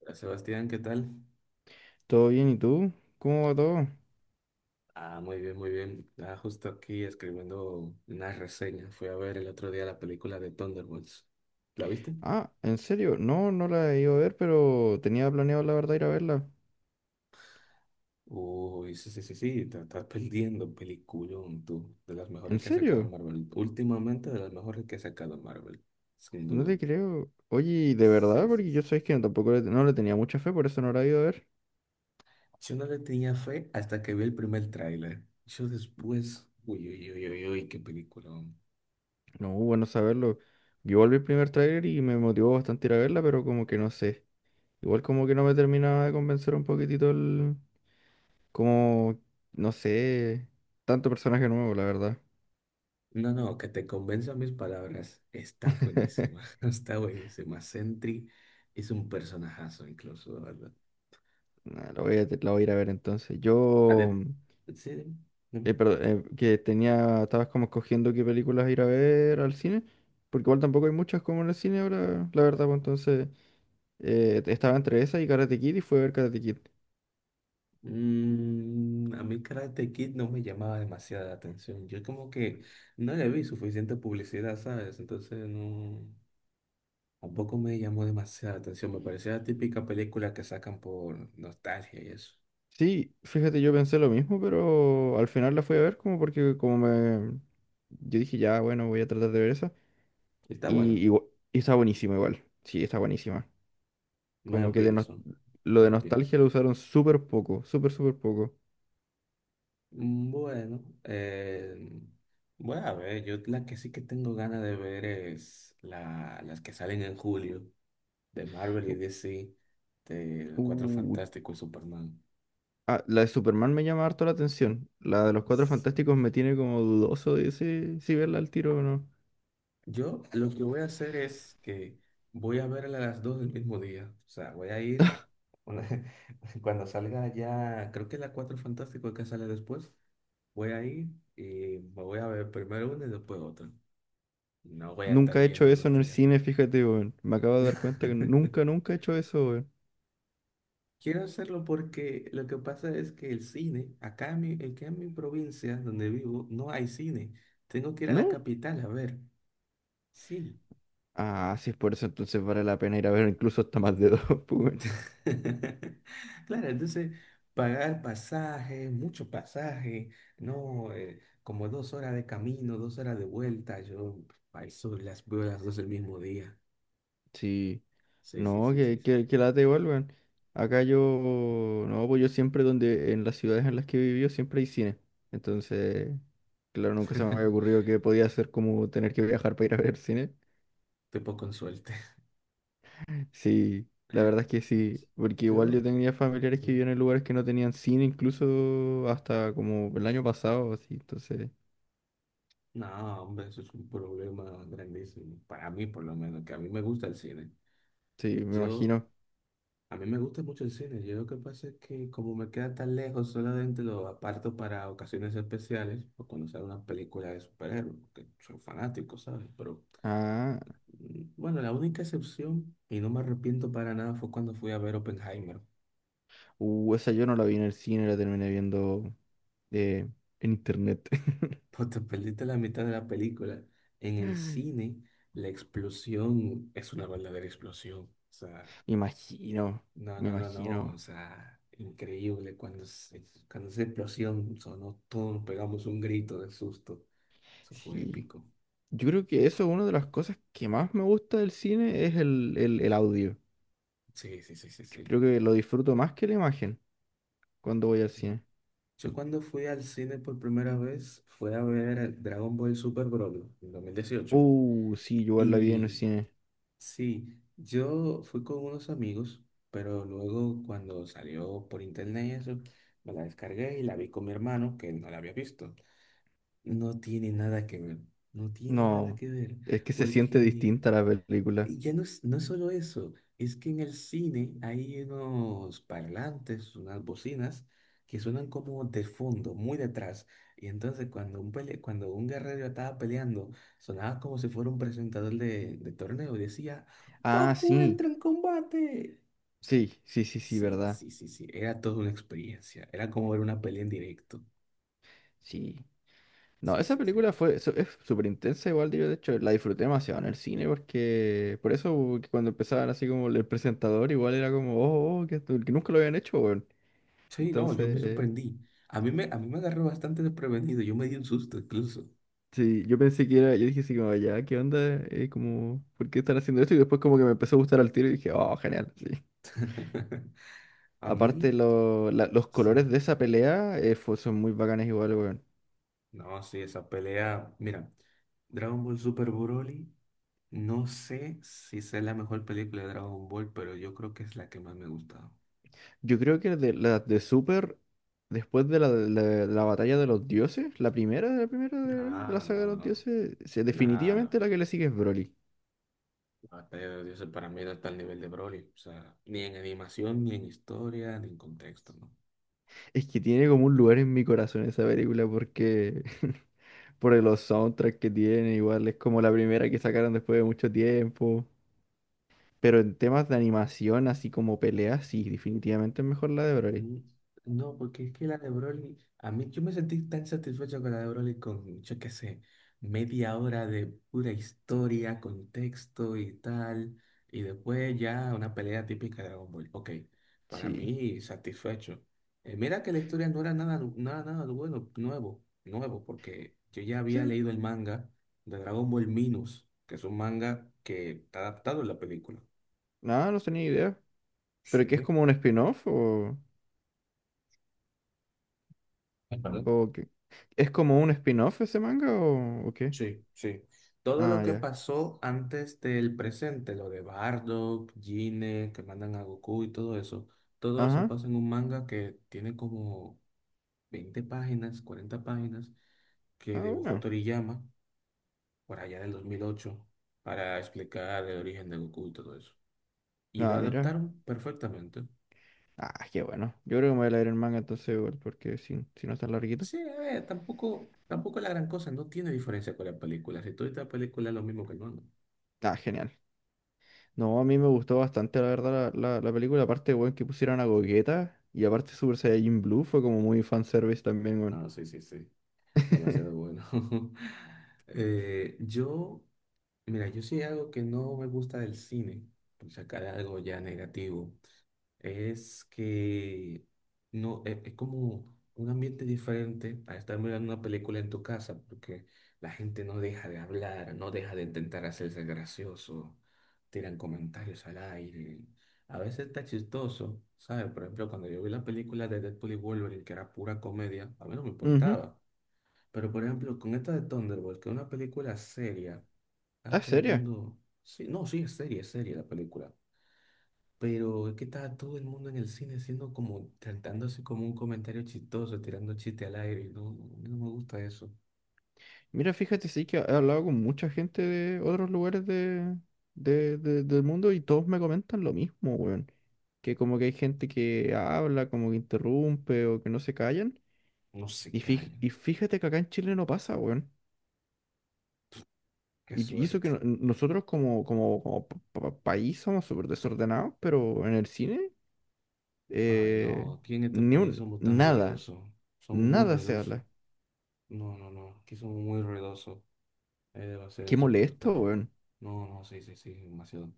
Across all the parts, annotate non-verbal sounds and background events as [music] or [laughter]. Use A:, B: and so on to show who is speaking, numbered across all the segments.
A: Hola, Sebastián, ¿qué tal?
B: ¿Todo bien? ¿Y tú? ¿Cómo va todo?
A: Ah, muy bien, muy bien. Ah, justo aquí escribiendo una reseña. Fui a ver el otro día la película de Thunderbolts. ¿La viste?
B: Ah, ¿en serio? No, no la he ido a ver, pero tenía planeado la verdad ir a verla.
A: Uy, sí, sí, sí, sí, te estás perdiendo, peliculón, tú. De las mejores
B: ¿En
A: que ha sacado
B: serio?
A: Marvel. Últimamente de las mejores que ha sacado Marvel, sin
B: No
A: duda.
B: te creo. Oye, ¿De verdad?
A: Sí, sí,
B: Porque yo
A: sí.
B: sabes que no, tampoco no le tenía mucha fe, por eso no la he ido a ver.
A: Yo no le tenía fe hasta que vi el primer tráiler. Yo después, uy, uy, uy, uy, uy, qué película.
B: No, bueno saberlo. Yo volví el primer tráiler y me motivó bastante ir a verla, pero como que no sé. Igual como que no me terminaba de convencer un poquitito. Como, no sé, tanto personaje nuevo, la verdad.
A: No, no, que te convenza mis palabras. Está buenísima,
B: [laughs]
A: [laughs] está buenísima. Sentry es un personajazo incluso, la verdad.
B: Nah, la voy a ir a ver entonces.
A: A de- sí, dime, dime.
B: Perdón. Estabas como escogiendo qué películas ir a ver al cine, porque igual tampoco hay muchas como en el cine ahora, la verdad, pues entonces estaba entre esa y Karate Kid y fue a ver Karate Kid.
A: A mí Karate Kid no me llamaba demasiada la atención. Yo como que no le vi suficiente publicidad, ¿sabes? Entonces no, tampoco me llamó demasiada la atención. Me parecía la típica película que sacan por nostalgia y eso.
B: Sí, fíjate, yo pensé lo mismo, pero al final la fui a ver como porque como me. Yo dije, ya, bueno, voy a tratar de ver esa.
A: Está bueno,
B: Y está buenísima igual, sí, está buenísima.
A: me
B: Como
A: lo
B: que de nos-
A: pienso,
B: lo
A: me
B: de
A: lo pienso.
B: nostalgia lo usaron súper poco, súper, súper poco.
A: Bueno, voy a ver, yo la que sí que tengo ganas de ver es las que salen en julio de Marvel y DC, de Los Cuatro
B: Uh,
A: Fantásticos y Superman.
B: Ah, la de Superman me llama harto la atención. La de los Cuatro
A: Sí.
B: Fantásticos me tiene como dudoso de si verla al tiro o no.
A: Yo lo que voy a hacer es que voy a verla a las dos del mismo día, o sea, voy a ir una- [laughs] cuando salga ya, creo que la Cuatro Fantásticos que sale después, voy a ir y me voy a ver primero una y después otra. No voy a estar
B: Nunca he hecho
A: yendo
B: eso
A: dos
B: en el
A: días.
B: cine, fíjate, weón. Me acabo de dar cuenta que
A: [laughs]
B: nunca, nunca he hecho eso, weón.
A: Quiero hacerlo porque lo que pasa es que el cine, aquí en mi provincia donde vivo, no hay cine. Tengo que ir a la
B: ¿No?
A: capital a ver. Sí.
B: Ah, sí, es por eso entonces vale la pena ir a ver incluso hasta más de dos, [laughs] pues, weón.
A: [laughs] Claro, entonces pagar pasaje, mucho pasaje, no. Como 2 horas de camino, 2 horas de vuelta. Yo al sur las veo las dos el mismo día.
B: Sí.
A: Sí, sí,
B: No,
A: sí, sí,
B: que,
A: sí.
B: que, que lata igual, weón. Acá yo, no, pues yo siempre en las ciudades en las que he vivido siempre hay cine. Entonces, claro, nunca se me había
A: [laughs]
B: ocurrido que podía ser como tener que viajar para ir a ver cine.
A: Te poco con suerte.
B: Sí, la verdad es que sí, porque igual yo
A: Yo,
B: tenía familiares que
A: sí.
B: vivían en lugares que no tenían cine, incluso hasta como el año pasado, así, entonces,
A: No, hombre, eso es un problema grandísimo. Para mí, por lo menos, que a mí me gusta el cine.
B: sí, me
A: Yo,
B: imagino.
A: a mí me gusta mucho el cine. Yo lo que pasa es que como me queda tan lejos, solamente lo aparto para ocasiones especiales o cuando sale una película de superhéroes, que soy fanático, ¿sabes? Pero
B: Ah,
A: bueno, la única excepción, y no me arrepiento para nada, fue cuando fui a ver Oppenheimer. [laughs]
B: esa yo no la vi en el cine, la terminé viendo eh, en internet. [laughs]
A: Pues te perdiste la mitad de la película. En el
B: Me
A: cine, la explosión es una verdadera explosión. O sea,
B: imagino,
A: no,
B: me
A: no, no, no,
B: imagino,
A: o sea, increíble cuando esa explosión sonó, todos pegamos un grito de susto. Eso fue
B: sí.
A: épico.
B: Yo creo que eso es una de las cosas que más me gusta del cine, es el audio.
A: Sí, sí, sí, sí,
B: Yo
A: sí.
B: creo que lo disfruto más que la imagen cuando voy al cine.
A: Yo cuando fui al cine por primera vez fue a ver Dragon Ball Super Broly en 2018.
B: Sí, yo igual la vi en el
A: Y
B: cine.
A: sí, yo fui con unos amigos, pero luego cuando salió por internet y eso, me la descargué y la vi con mi hermano que no la había visto. No tiene nada que ver, no tiene nada
B: No,
A: que ver,
B: es que se siente
A: porque
B: distinta la película.
A: ya no es solo eso, es que en el cine hay unos parlantes, unas bocinas que suenan como de fondo, muy detrás, y entonces cuando un guerrero estaba peleando, sonaba como si fuera un presentador de torneo y decía,
B: Ah,
A: Goku
B: sí,
A: entra en combate.
B: sí, sí, sí, sí,
A: Sí,
B: verdad.
A: sí, sí, sí, era toda una experiencia, era como ver una pelea en directo.
B: Sí. No,
A: Sí,
B: esa
A: sí, sí.
B: película es súper intensa igual, yo de hecho la disfruté demasiado en el cine porque, por eso que cuando empezaban así como el presentador igual era como, oh, oh, que nunca lo habían hecho, weón.
A: Sí, no, yo me
B: Entonces,
A: sorprendí. A mí me agarró bastante desprevenido. Yo me di un susto incluso.
B: sí, yo pensé que era, yo dije así como, ya, ¿qué onda? Como, ¿por qué están haciendo esto? Y después como que me empezó a gustar al tiro y dije, oh, genial, sí.
A: [laughs] A
B: Aparte,
A: mí,
B: los
A: sí.
B: colores de esa pelea son muy bacanes igual, weón.
A: No, sí, esa pelea. Mira, Dragon Ball Super Broly. No sé si es la mejor película de Dragon Ball, pero yo creo que es la que más me ha gustado.
B: Yo creo que de las de Super, después de la batalla de los dioses, la primera de la
A: Ah,
B: saga
A: no,
B: de los
A: no.
B: dioses,
A: Nada,
B: definitivamente
A: no.
B: la que le sigue es Broly.
A: La batalla de los dioses para mí no está al nivel de Broly. O sea, ni en animación, ni en historia, ni en contexto, ¿no?
B: Es que tiene como un lugar en mi corazón esa película porque [laughs] por los soundtracks que tiene, igual es como la primera que sacaron después de mucho tiempo. Pero en temas de animación, así como peleas, sí, definitivamente es mejor la de Broly.
A: Mm, No, porque es que la de Broly, a mí yo me sentí tan satisfecho con la de Broly con, yo qué sé, media hora de pura historia, contexto y tal, y después ya una pelea típica de Dragon Ball. Ok, para
B: Sí,
A: mí satisfecho. Mira que la historia no era nada, nada, nada bueno, nuevo, nuevo, porque yo ya había
B: sí,
A: leído el manga de Dragon Ball Minus, que es un manga que está adaptado en la película.
B: nada, no tenía idea. ¿Pero qué es
A: Sí.
B: como un spin-off o...?
A: Ajá.
B: Ok. ¿Es como un spin-off ese manga o qué?
A: Sí, sí. Todo lo
B: Ah,
A: que
B: ya.
A: pasó antes del presente, lo de Bardock, Gine, que mandan a Goku y todo eso
B: Ajá.
A: pasa en un manga que tiene como 20 páginas, 40 páginas,
B: Ah,
A: que dibujó
B: bueno.
A: Toriyama por allá del 2008 para explicar el origen de Goku y todo eso. Y lo
B: Ah, mira.
A: adaptaron perfectamente.
B: Ah, qué bueno. Yo creo que me voy a leer el manga entonces igual, porque si no está larguito.
A: Sí, a ver, tampoco la gran cosa, no tiene diferencia con la película. Si tú ves la película es lo mismo que el manga.
B: Ah, genial. No, a mí me gustó bastante, la verdad, la película. Aparte, weón, que pusieran a Gogeta. Y aparte Super Saiyajin Blue fue como muy fanservice también, weón.
A: No, sí, sí, sí. Demasiado
B: [laughs]
A: bueno. [laughs] Eh, yo, Mira, yo sí algo que no me gusta del cine, por sacar algo ya negativo, es que no, e- es, como un ambiente diferente a estar mirando una película en tu casa, porque la gente no deja de hablar, no deja de intentar hacerse gracioso, tiran comentarios al aire. A veces está chistoso, ¿sabes? Por ejemplo, cuando yo vi la película de Deadpool y Wolverine, que era pura comedia, a mí no me
B: Ujú.
A: importaba. Pero por ejemplo, con esta de Thunderbolt, que es una película seria, está
B: Ah,
A: todo el
B: seria.
A: mundo. Sí, no, sí, es seria la película. Pero es que estaba todo el mundo en el cine haciendo como, tratándose como un comentario chistoso, tirando chiste al aire. Y no, no, a mí no me gusta eso.
B: Mira, fíjate, sí que he hablado con mucha gente de otros lugares de, del mundo y todos me comentan lo mismo, weón. Que como que hay gente que habla, como que interrumpe o que no se callan.
A: No se
B: Y, y
A: callan.
B: fíjate que acá en Chile no pasa, weón.
A: Qué
B: Y eso que
A: suerte.
B: nosotros como, país somos súper desordenados, pero en el cine,
A: Ay,
B: eh,
A: no, aquí en este
B: ni
A: país
B: un,
A: somos tan
B: nada,
A: bullosos. Somos muy
B: nada se
A: ruidosos.
B: habla.
A: No, no, no, aquí somos muy ruidosos. Es va a ser
B: Qué molesto,
A: insoportable.
B: weón.
A: No, no, sí, sí, sí, demasiado.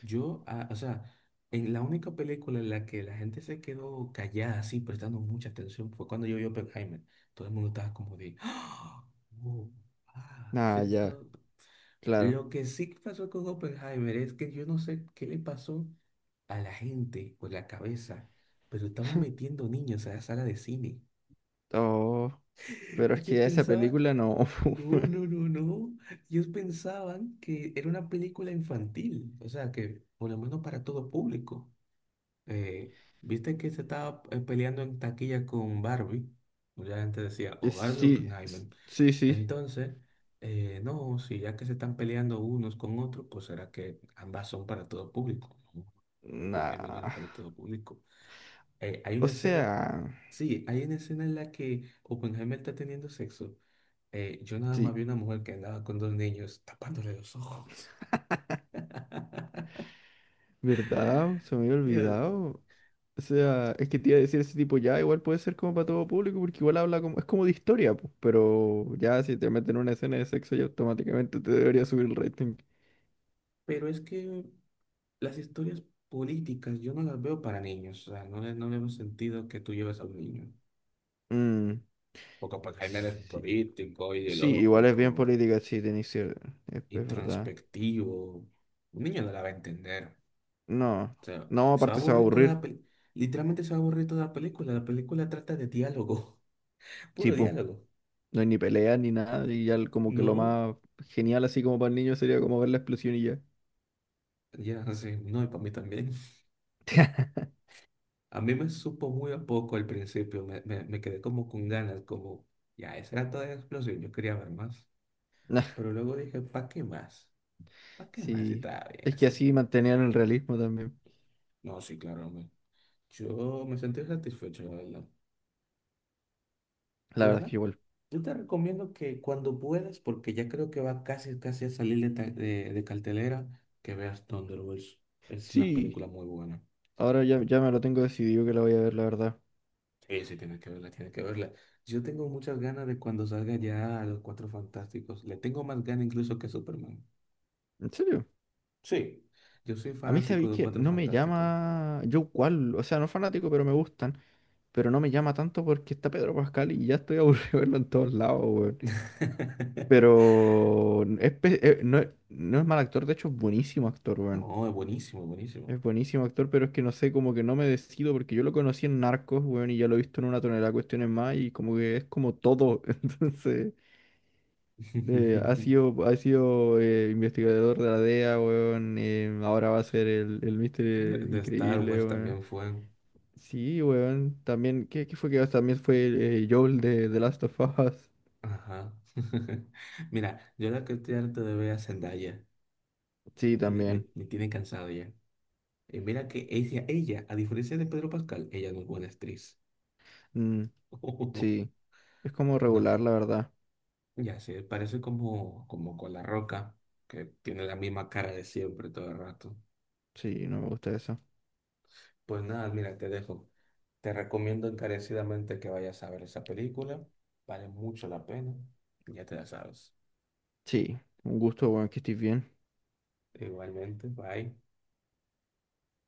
A: O sea, en la única película en la que la gente se quedó callada, así, prestando mucha atención, fue cuando yo vi Oppenheimer. Todo el mundo estaba como de, ¡ah! ¡Oh! ¡Ah! Sí,
B: Ah, ya,
A: todo.
B: claro.
A: Lo que sí que pasó con Oppenheimer es que yo no sé qué le pasó a la gente o la cabeza, pero estaban metiendo niños a la sala de cine.
B: Oh,
A: [laughs]
B: pero es
A: Ellos
B: que esa
A: pensaban
B: película no.
A: no, no,
B: [laughs]
A: no, no. Ellos pensaban que era una película infantil, o sea, que por lo menos para todo público. Eh, ¿Viste que se estaba peleando en taquilla con Barbie? Mucha gente decía,
B: Eh,
A: o Barbie o
B: Sí, s-
A: Oppenheimer.
B: sí, sí.
A: Entonces, no, si ya que se están peleando unos con otros, pues será que ambas son para todo público. No, Oppenheimer no era
B: Nah.
A: para todo público. Hay
B: O
A: una escena,
B: sea,
A: sí, hay una escena en la que Oppenheimer está teniendo sexo. Yo nada
B: sí.
A: más vi una mujer que andaba con dos niños tapándole los ojos. [laughs]
B: ¿Verdad? Se me había
A: Ya,
B: olvidado. O sea, es que te iba a decir ese tipo ya, igual puede ser como para todo público, porque igual habla como, es como de historia, pues, pero ya si te meten una escena de sexo, ya automáticamente te debería subir el rating.
A: pero es que las historias políticas yo no las veo para niños, o sea, no le veo sentido que tú lleves a un niño.
B: Mm,
A: Porque pues Jaime es
B: sí,
A: político,
B: sí, igual es bien
A: ideológico,
B: política, sí, de inicio, es verdad.
A: introspectivo. Un niño no la va a entender.
B: No,
A: O sea,
B: no,
A: se va a
B: aparte se va a
A: aburrir toda la
B: aburrir,
A: película. Literalmente se va a aburrir toda la película. La película trata de diálogo, [laughs] puro
B: tipo,
A: diálogo.
B: no hay ni pelea ni nada, y ya como que lo
A: No,
B: más genial así como para el niño sería como ver la explosión y ya.
A: ya, sí, no, y para mí también. [laughs]
B: [laughs]
A: A mí me supo muy a poco al principio, me quedé como con ganas, como, ya, esa era toda la explosión, yo quería ver más.
B: Nah,
A: Pero luego dije, ¿para qué más? ¿Para qué más si
B: sí,
A: estaba bien
B: es que
A: así?
B: así mantenían el realismo también.
A: No, sí, claro, hombre. Yo me sentí satisfecho, la verdad.
B: La
A: Pues
B: verdad es que
A: nada,
B: igual.
A: yo te recomiendo que cuando puedas, porque ya creo que va casi, casi a salir de cartelera, que veas Thunderbolts. Es una
B: Sí,
A: película muy buena.
B: ahora ya, ya me lo tengo decidido que la voy a ver, la verdad.
A: Sí, sí, tienes que verla, tienes que verla. Yo tengo muchas ganas de cuando salga ya Los Cuatro Fantásticos. Le tengo más ganas incluso que Superman.
B: ¿En serio?
A: Sí, yo soy
B: A mí
A: fanático
B: sabéis
A: de
B: que
A: Cuatro
B: no me
A: Fantásticos.
B: llama yo cual, o sea, no fanático, pero me gustan. Pero no me llama tanto porque está Pedro Pascal y ya estoy aburrido [laughs] de verlo en todos lados, weón.
A: [laughs]
B: Pero no, es no es mal actor, de hecho es buenísimo actor, weón.
A: No, es buenísimo, buenísimo.
B: Es buenísimo actor, pero es que no sé, como que no me decido porque yo lo conocí en Narcos, weón, y ya lo he visto en una tonelada de cuestiones más y como que es como todo, [laughs] entonces... ha
A: [laughs]
B: sido, ha sido investigador de la DEA, weón. Ahora va a ser el
A: De,
B: Mister
A: de Star
B: Increíble,
A: Wars
B: weón.
A: también fue.
B: Sí, weón. También, ¿qué fue que también fue Joel de The Last of Us?
A: Ajá. [laughs] Mira, yo la que estoy harto de ver a Zendaya.
B: Sí,
A: Me tiene, me,
B: también.
A: me tiene cansado ya. Y mira que ella, a diferencia de Pedro Pascal, ella no es buena actriz.
B: Mm,
A: [laughs] No,
B: sí. Es como regular,
A: no,
B: la verdad.
A: ya sé, parece como con La Roca, que tiene la misma cara de siempre todo el rato.
B: Sí, no me gusta eso.
A: Pues nada, mira, te dejo. Te recomiendo encarecidamente que vayas a ver esa película. Vale mucho la pena. Ya te la sabes.
B: Sí, un gusto, weón, que estés bien.
A: Igualmente, bye.